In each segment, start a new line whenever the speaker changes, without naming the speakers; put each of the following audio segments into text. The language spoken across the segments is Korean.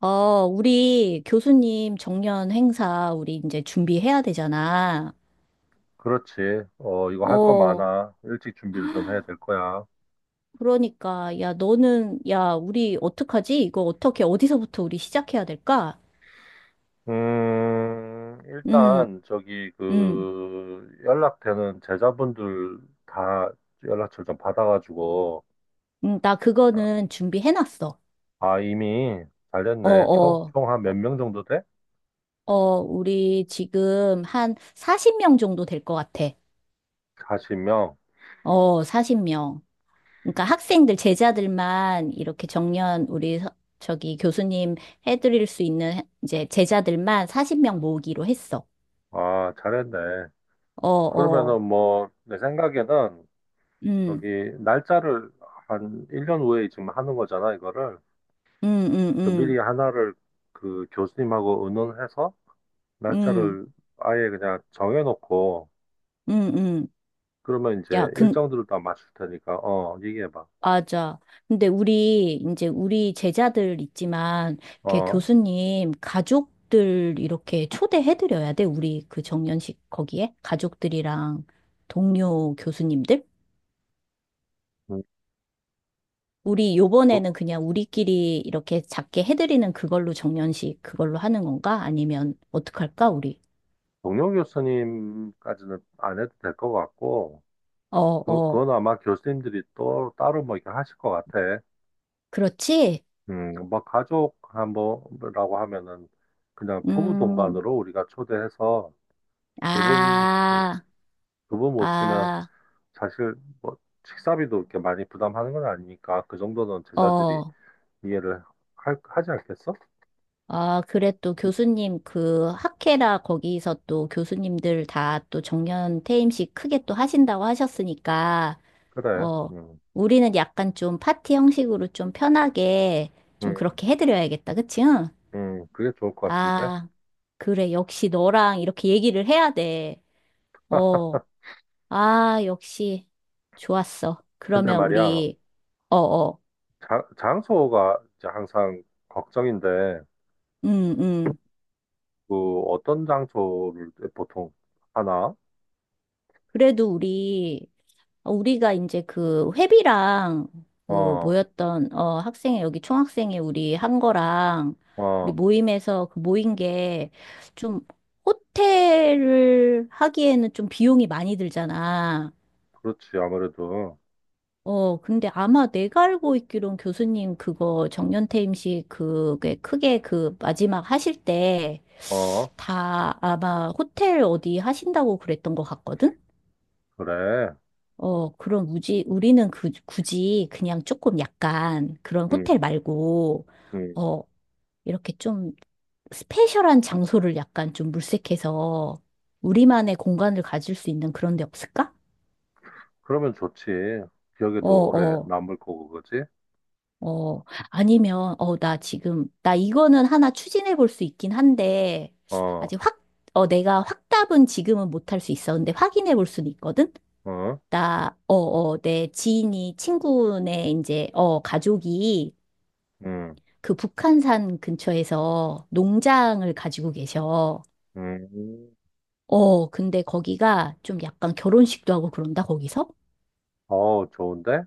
우리 교수님 정년 행사 우리 이제 준비해야 되잖아.
그렇지. 이거 할 거
어,
많아. 일찍 준비를 좀 해야 될 거야.
그러니까 야 너는 야 우리 어떡하지? 이거 어떻게 어디서부터 우리 시작해야 될까? 음,
일단, 저기,
음,
그, 연락되는 제자분들 다 연락처 좀 받아가지고,
나 그거는 준비해놨어.
아, 이미
어,
잘됐네. 총,
어,
총 한 몇
어,
명 정도 돼?
어, 우리 지금 한 40명 정도 될 것 같아.
40명.
어, 40명. 그러니까 학생들, 제자들만 이렇게 정년 우리 저기 교수님 해드릴 수 있는 이제 제자들만 40명 모으기로 했어.
아, 잘했네.
어, 어,
그러면은 뭐, 내 생각에는,
음,
저기, 날짜를 한 1년 후에 지금 하는 거잖아, 이거를.
음, 음, 음,
미리 하나를 그 교수님하고 의논해서,
음,
날짜를 아예 그냥 정해놓고,
음, 음.
그러면
야,
이제
근,
일정들을 다 맞출 테니까, 얘기해봐.
맞아. 근데 우리, 이제 우리 제자들 있지만, 이렇게
어,
교수님, 가족들 이렇게 초대해드려야 돼. 우리 그 정년식 거기에? 가족들이랑 동료 교수님들?
음,
우리
도-
요번에는 그냥 우리끼리 이렇게 작게 해드리는 그걸로 정년식 그걸로 하는 건가? 아니면 어떡할까, 우리?
동료 교수님까지는 안 해도 될 것 같고,
어,
그,
어,
그건 아마 교수님들이 또 따로 뭐 이렇게 하실 것 같아.
그렇지?
뭐 가족 한 번이라고 하면은 그냥 부부
음,
동반으로 우리가 초대해서 두 분,
아,
두분 모시면
아,
사실 뭐 식사비도 이렇게 많이 부담하는 건 아니니까 그 정도는 제자들이
어,
이해를 하지 않겠어?
아, 그래. 또 교수님 그 학회라 거기서 또 교수님들 다 또 정년 퇴임식 크게 또 하신다고 하셨으니까,
그래.
어, 우리는 약간 좀 파티 형식으로 좀 편하게 좀
음,
그렇게 해드려야겠다, 그치? 응?
그게 좋을 것 같은데.
아, 그래. 역시 너랑 이렇게 얘기를 해야 돼. 어, 아, 역시. 좋았어.
근데
그러면
말이야,
우리, 어어,
장소가 이제 항상 걱정인데,
음, 음.
그 어떤 장소를 보통 하나?
그래도 우리, 우리가 이제 그 회비랑 그
어,
모였던, 학생회, 여기 총학생회 우리 한 거랑 우리
어,
모임에서 그 모인 게 좀 호텔을 하기에는 좀 비용이 많이 들잖아.
그렇지. 아무래도.
어, 근데 아마 내가 알고 있기론 교수님 그거 정년퇴임식 그게 크게 그 마지막 하실 때
어,
다 아마 호텔 어디 하신다고 그랬던 것 같거든?
그래.
어, 그럼 우리는 그, 굳이 그냥 조금 약간 그런
음,
호텔 말고,
음.
어, 이렇게 좀 스페셜한 장소를 약간 좀 물색해서 우리만의 공간을 가질 수 있는 그런 데 없을까?
그러면 좋지.
어,
기억에도 오래
어.
남을 거고, 그지?
어, 아니면, 나 지금, 나 이거는 하나 추진해 볼 수 있긴 한데,
어,
아직 확, 내가 확답은 지금은 못할 수 있어. 근데 확인해 볼 수는 있거든?
어,
내 지인이, 친구네, 이제, 가족이
음,
그 북한산 근처에서 농장을 가지고 계셔.
음.
어, 근데 거기가 좀 약간 결혼식도 하고 그런다, 거기서?
어, 좋은데?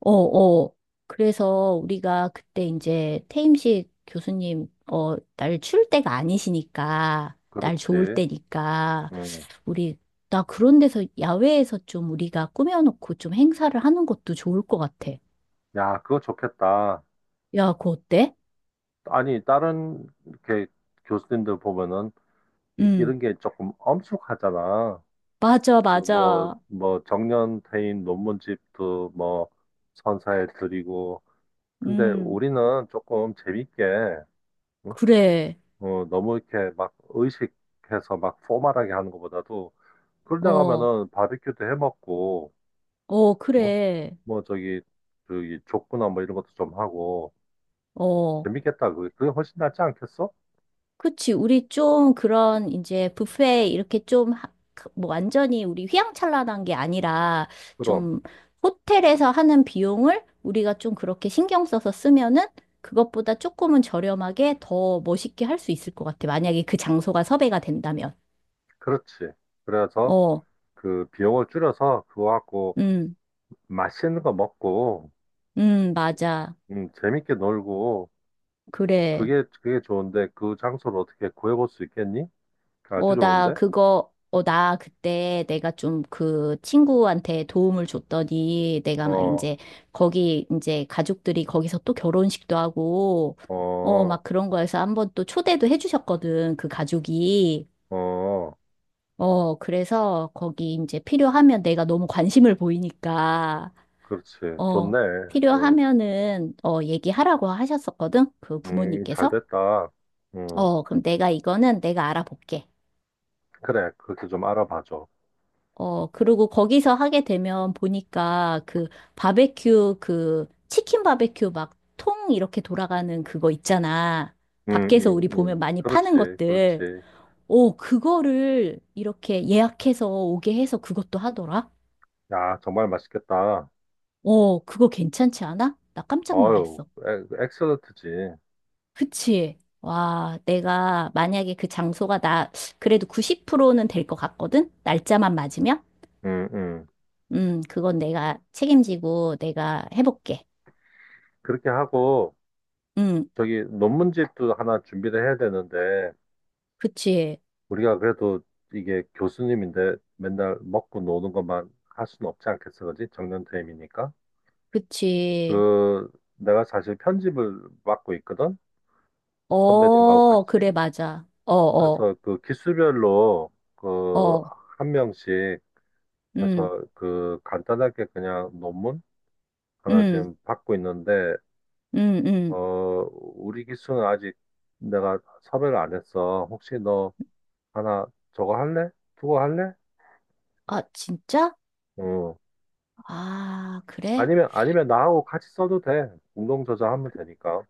어, 어. 그래서 우리가 그때 이제 태임식 교수님, 날 추울 때가 아니시니까, 날 좋을
그렇지.
때니까,
음.
우리, 나 그런 데서, 야외에서 좀 우리가 꾸며놓고 좀 행사를 하는 것도 좋을 것 같아.
야, 그거 좋겠다.
야, 그거 어때?
아니, 다른 이렇게 교수님들 보면은
음,
이런 게 조금 엄숙하잖아.
맞아,
그
맞아.
정년 퇴임 논문집도 뭐, 선사해 드리고. 근데
음,
우리는 조금 재밌게, 응?
그래.
너무 이렇게 막 의식해서 막 포멀하게 하는 것보다도, 그러다
어,
가면은 바비큐도 해 먹고, 뭐,
그래.
뭐, 저기, 족구나 뭐 이런 것도 좀 하고,
어.
재밌겠다. 그게 훨씬 낫지 않겠어?
그치. 우리 좀 그런 이제 뷔페 이렇게 그뭐 완전히 우리 휘황찬란한 게 아니라
그럼,
좀 호텔에서 하는 비용을 우리가 좀 그렇게 신경 써서 쓰면은 그것보다 조금은 저렴하게 더 멋있게 할 수 있을 것 같아. 만약에 그 장소가 섭외가 된다면.
그렇지. 그래서,
어,
그 비용을 줄여서 그거 갖고
음,
맛있는 거 먹고
맞아.
재밌게 놀고
그래.
그게 좋은데 그 장소를 어떻게 구해볼 수 있겠니? 아주
어, 나
좋은데?
그거, 나 그때 내가 좀 그 친구한테 도움을 줬더니 내가 막
어,
이제 거기 이제 가족들이 거기서 또 결혼식도 하고,
어,
막 그런 거에서 한번 또 초대도 해주셨거든, 그 가족이.
어,
어, 그래서 거기 이제 필요하면 내가 너무 관심을 보이니까,
그렇지.
어,
좋네. 음,
필요하면은, 얘기하라고 하셨었거든, 그
잘
부모님께서.
됐다. 음,
어, 그럼 내가 이거는 내가 알아볼게.
그래. 그렇게 좀 알아봐줘.
어, 그리고 거기서 하게 되면 보니까 그 바베큐, 그 치킨 바베큐 막 통 이렇게 돌아가는 그거 있잖아. 밖에서 우리 보면 많이
그렇지,
파는 것들.
그렇지.
오, 그거를 이렇게 예약해서 오게 해서 그것도 하더라.
야, 정말 맛있겠다.
어, 그거 괜찮지 않아? 나 깜짝
어유,
놀랐어.
셀런트지.
그치? 와, 내가 만약에 그 장소가 나 그래도 90%는 될 것 같거든? 날짜만 맞으면?
음, 음.
그건 내가 책임지고 내가 해볼게.
그렇게 하고.
음.
저기 논문집도 하나 준비를 해야 되는데
그치,
우리가 그래도 이게 교수님인데 맨날 먹고 노는 것만 할 수는 없지 않겠어, 그지? 정년퇴임이니까.
그치.
그 내가 사실 편집을 맡고 있거든, 선배님하고
어,
같이.
그래, 맞아.
그래서 그 기수별로 그
어.
한 명씩
음,
해서 그 간단하게 그냥 논문 하나
음,
지금 받고 있는데
음, 음.
어 우리 기수는 아직 내가 섭외를 안 했어. 혹시 너 하나 저거 할래? 두거 할래?
아, 진짜?
어.
아, 그래?
아니면 나하고 같이 써도 돼. 공동 저자하면 되니까.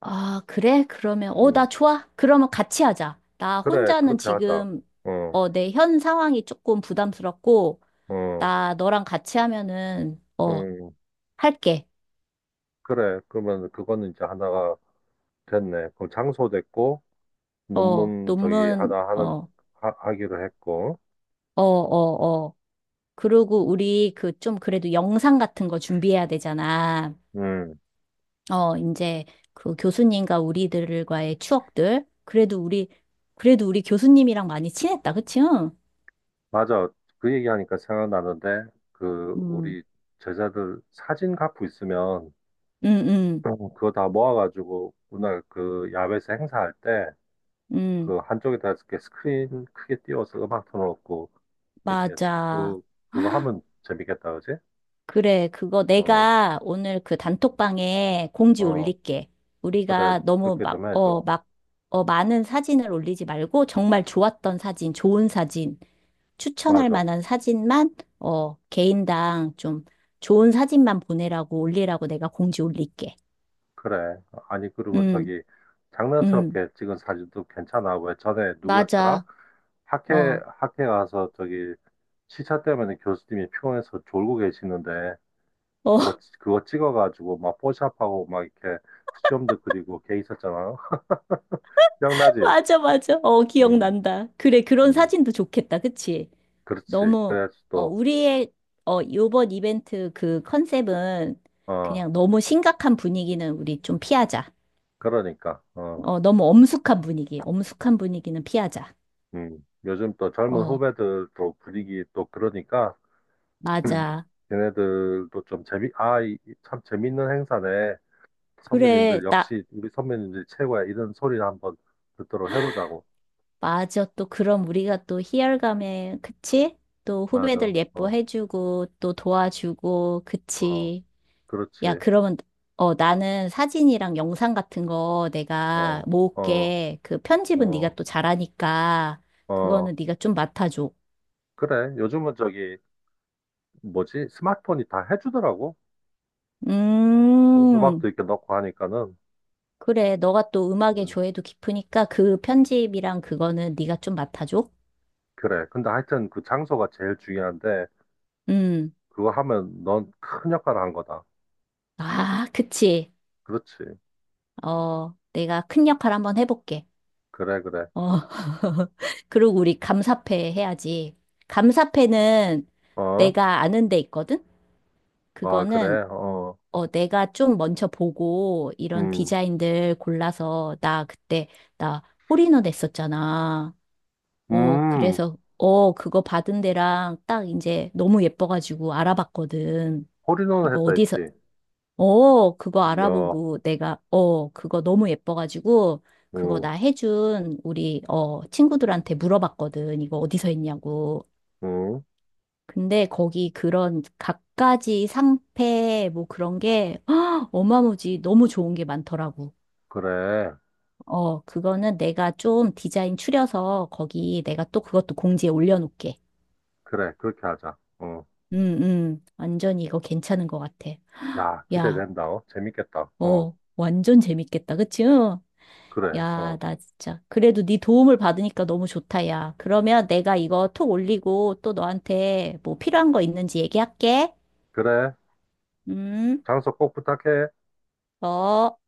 아, 그래? 그러면,
음.
나 좋아. 그러면 같이 하자. 나
그래.
혼자는
그렇게 하자.
지금,
어.
내 현 상황이 조금 부담스럽고,
어.
나 너랑 같이 하면은,
음.
할게.
그래. 그러면 그거는 이제 하나가 됐네. 그럼 장소 됐고
어,
논문 저기
논문,
하나 하는,
어,
하기로 했고.
어, 어, 어. 그리고 우리 그 좀 그래도 영상 같은 거 준비해야 되잖아.
음.
어, 이제 그 교수님과 우리들과의 추억들. 그래도 우리, 그래도 우리 교수님이랑 많이 친했다. 그치? 응,
맞아. 그 얘기하니까 생각나는데 그
음,
우리 제자들 사진 갖고 있으면
음, 음,
어, 그거 다 모아가지고 오늘 그 야외에서 행사할 때 그
음,
한쪽에다 이렇게 스크린 크게 띄워서 음악 틀어놓고 이렇게
맞아.
쭉 그거 하면 재밌겠다, 그지?
그래, 그거
어,
내가 오늘 그 단톡방에 공지
어,
올릴게.
그래,
우리가 너무
그렇게
막,
좀 해줘.
많은 사진을 올리지 말고 정말 좋았던 사진, 좋은 사진, 추천할
맞아,
만한 사진만, 개인당 좀 좋은 사진만 보내라고 올리라고 내가 공지 올릴게.
그래. 아니
응
그리고 저기
응
장난스럽게 찍은 사진도 괜찮아. 왜 전에 누구였더라?
맞아.
학회
어,
학회 가서 저기 시차 때문에 교수님이 피곤해서 졸고 계시는데
어,
그거 찍어가지고 막 포샵하고 막 이렇게 수염도 그리고 걔 있었잖아. 기억나지?
맞아, 맞아. 어,
음,
기억난다. 그래, 그런
음.
사진도 좋겠다. 그치?
그렇지.
너무,
그래야지
어,
또,
우리의, 어, 요번 이벤트 그 컨셉은
어,
그냥 너무 심각한 분위기는 우리 좀 피하자.
그러니까, 어,
너무 엄숙한 분위기, 엄숙한 분위기는 피하자.
요즘 또 젊은
어,
후배들도 분위기 또 그러니까,
맞아.
걔네들도 좀 재미, 아, 이참 재밌는 행사네.
그래,
선배님들
나,
역시 우리 선배님들이 최고야. 이런 소리를 한번 듣도록 해보자고.
맞아. 또 그럼 우리가 또 희열감에, 그치? 또
맞아.
후배들
어,
예뻐해주고, 또 도와주고,
어,
그치? 야,
그렇지.
그러면, 나는 사진이랑 영상 같은 거 내가
어, 어,
모을게. 그 편집은 네가
어,
또 잘하니까,
어.
그거는 네가 좀 맡아줘.
그래. 요즘은 저기, 뭐지? 스마트폰이 다 해주더라고.
음,
음악도 이렇게 넣고 하니까는.
그래. 너가 또 음악에
음,
조예도 깊으니까 그 편집이랑 그거는 네가 좀 맡아줘.
그래. 근데 하여튼 그 장소가 제일 중요한데,
음,
그거 하면 넌 큰 역할을 한 거다.
아, 그치.
그렇지.
어, 내가 큰 역할 한번 해볼게.
그래, 그래.
어, 그리고 우리 감사패 해야지. 감사패는
어?
내가 아는 데 있거든?
아,
그거는
그래. 어.
내가 좀 먼저 보고 이런
음.
디자인들 골라서 나 그때 나 홀인원 했었잖아. 어,
음.
그래서 그거 받은 데랑 딱 이제 너무 예뻐가지고 알아봤거든.
홀인원을
이거
했다
어디서
했지.
그거
이야.
알아보고 내가 그거 너무 예뻐가지고 그거
음.
나 해준 우리 친구들한테 물어봤거든. 이거 어디서 했냐고.
음.
근데 거기 그런 갖가지 상패 뭐 그런 게 헉, 어마무지 너무 좋은 게 많더라고.
그래.
어, 그거는 내가 좀 디자인 추려서 거기 내가 또 그것도 공지에 올려놓게.
그래. 그렇게 하자. 어.
음, 완전히 이거 괜찮은 것 같아.
야,
야,
기대된다. 어. 재밌겠다. 어.
어, 완전 재밌겠다. 그치? 응?
그래.
야,
어.
나 진짜. 그래도 네 도움을 받으니까 너무 좋다, 야. 그러면 내가 이거 톡 올리고 또 너한테 뭐 필요한 거 있는지 얘기할게.
그래.
음,
장소 꼭 부탁해.
어.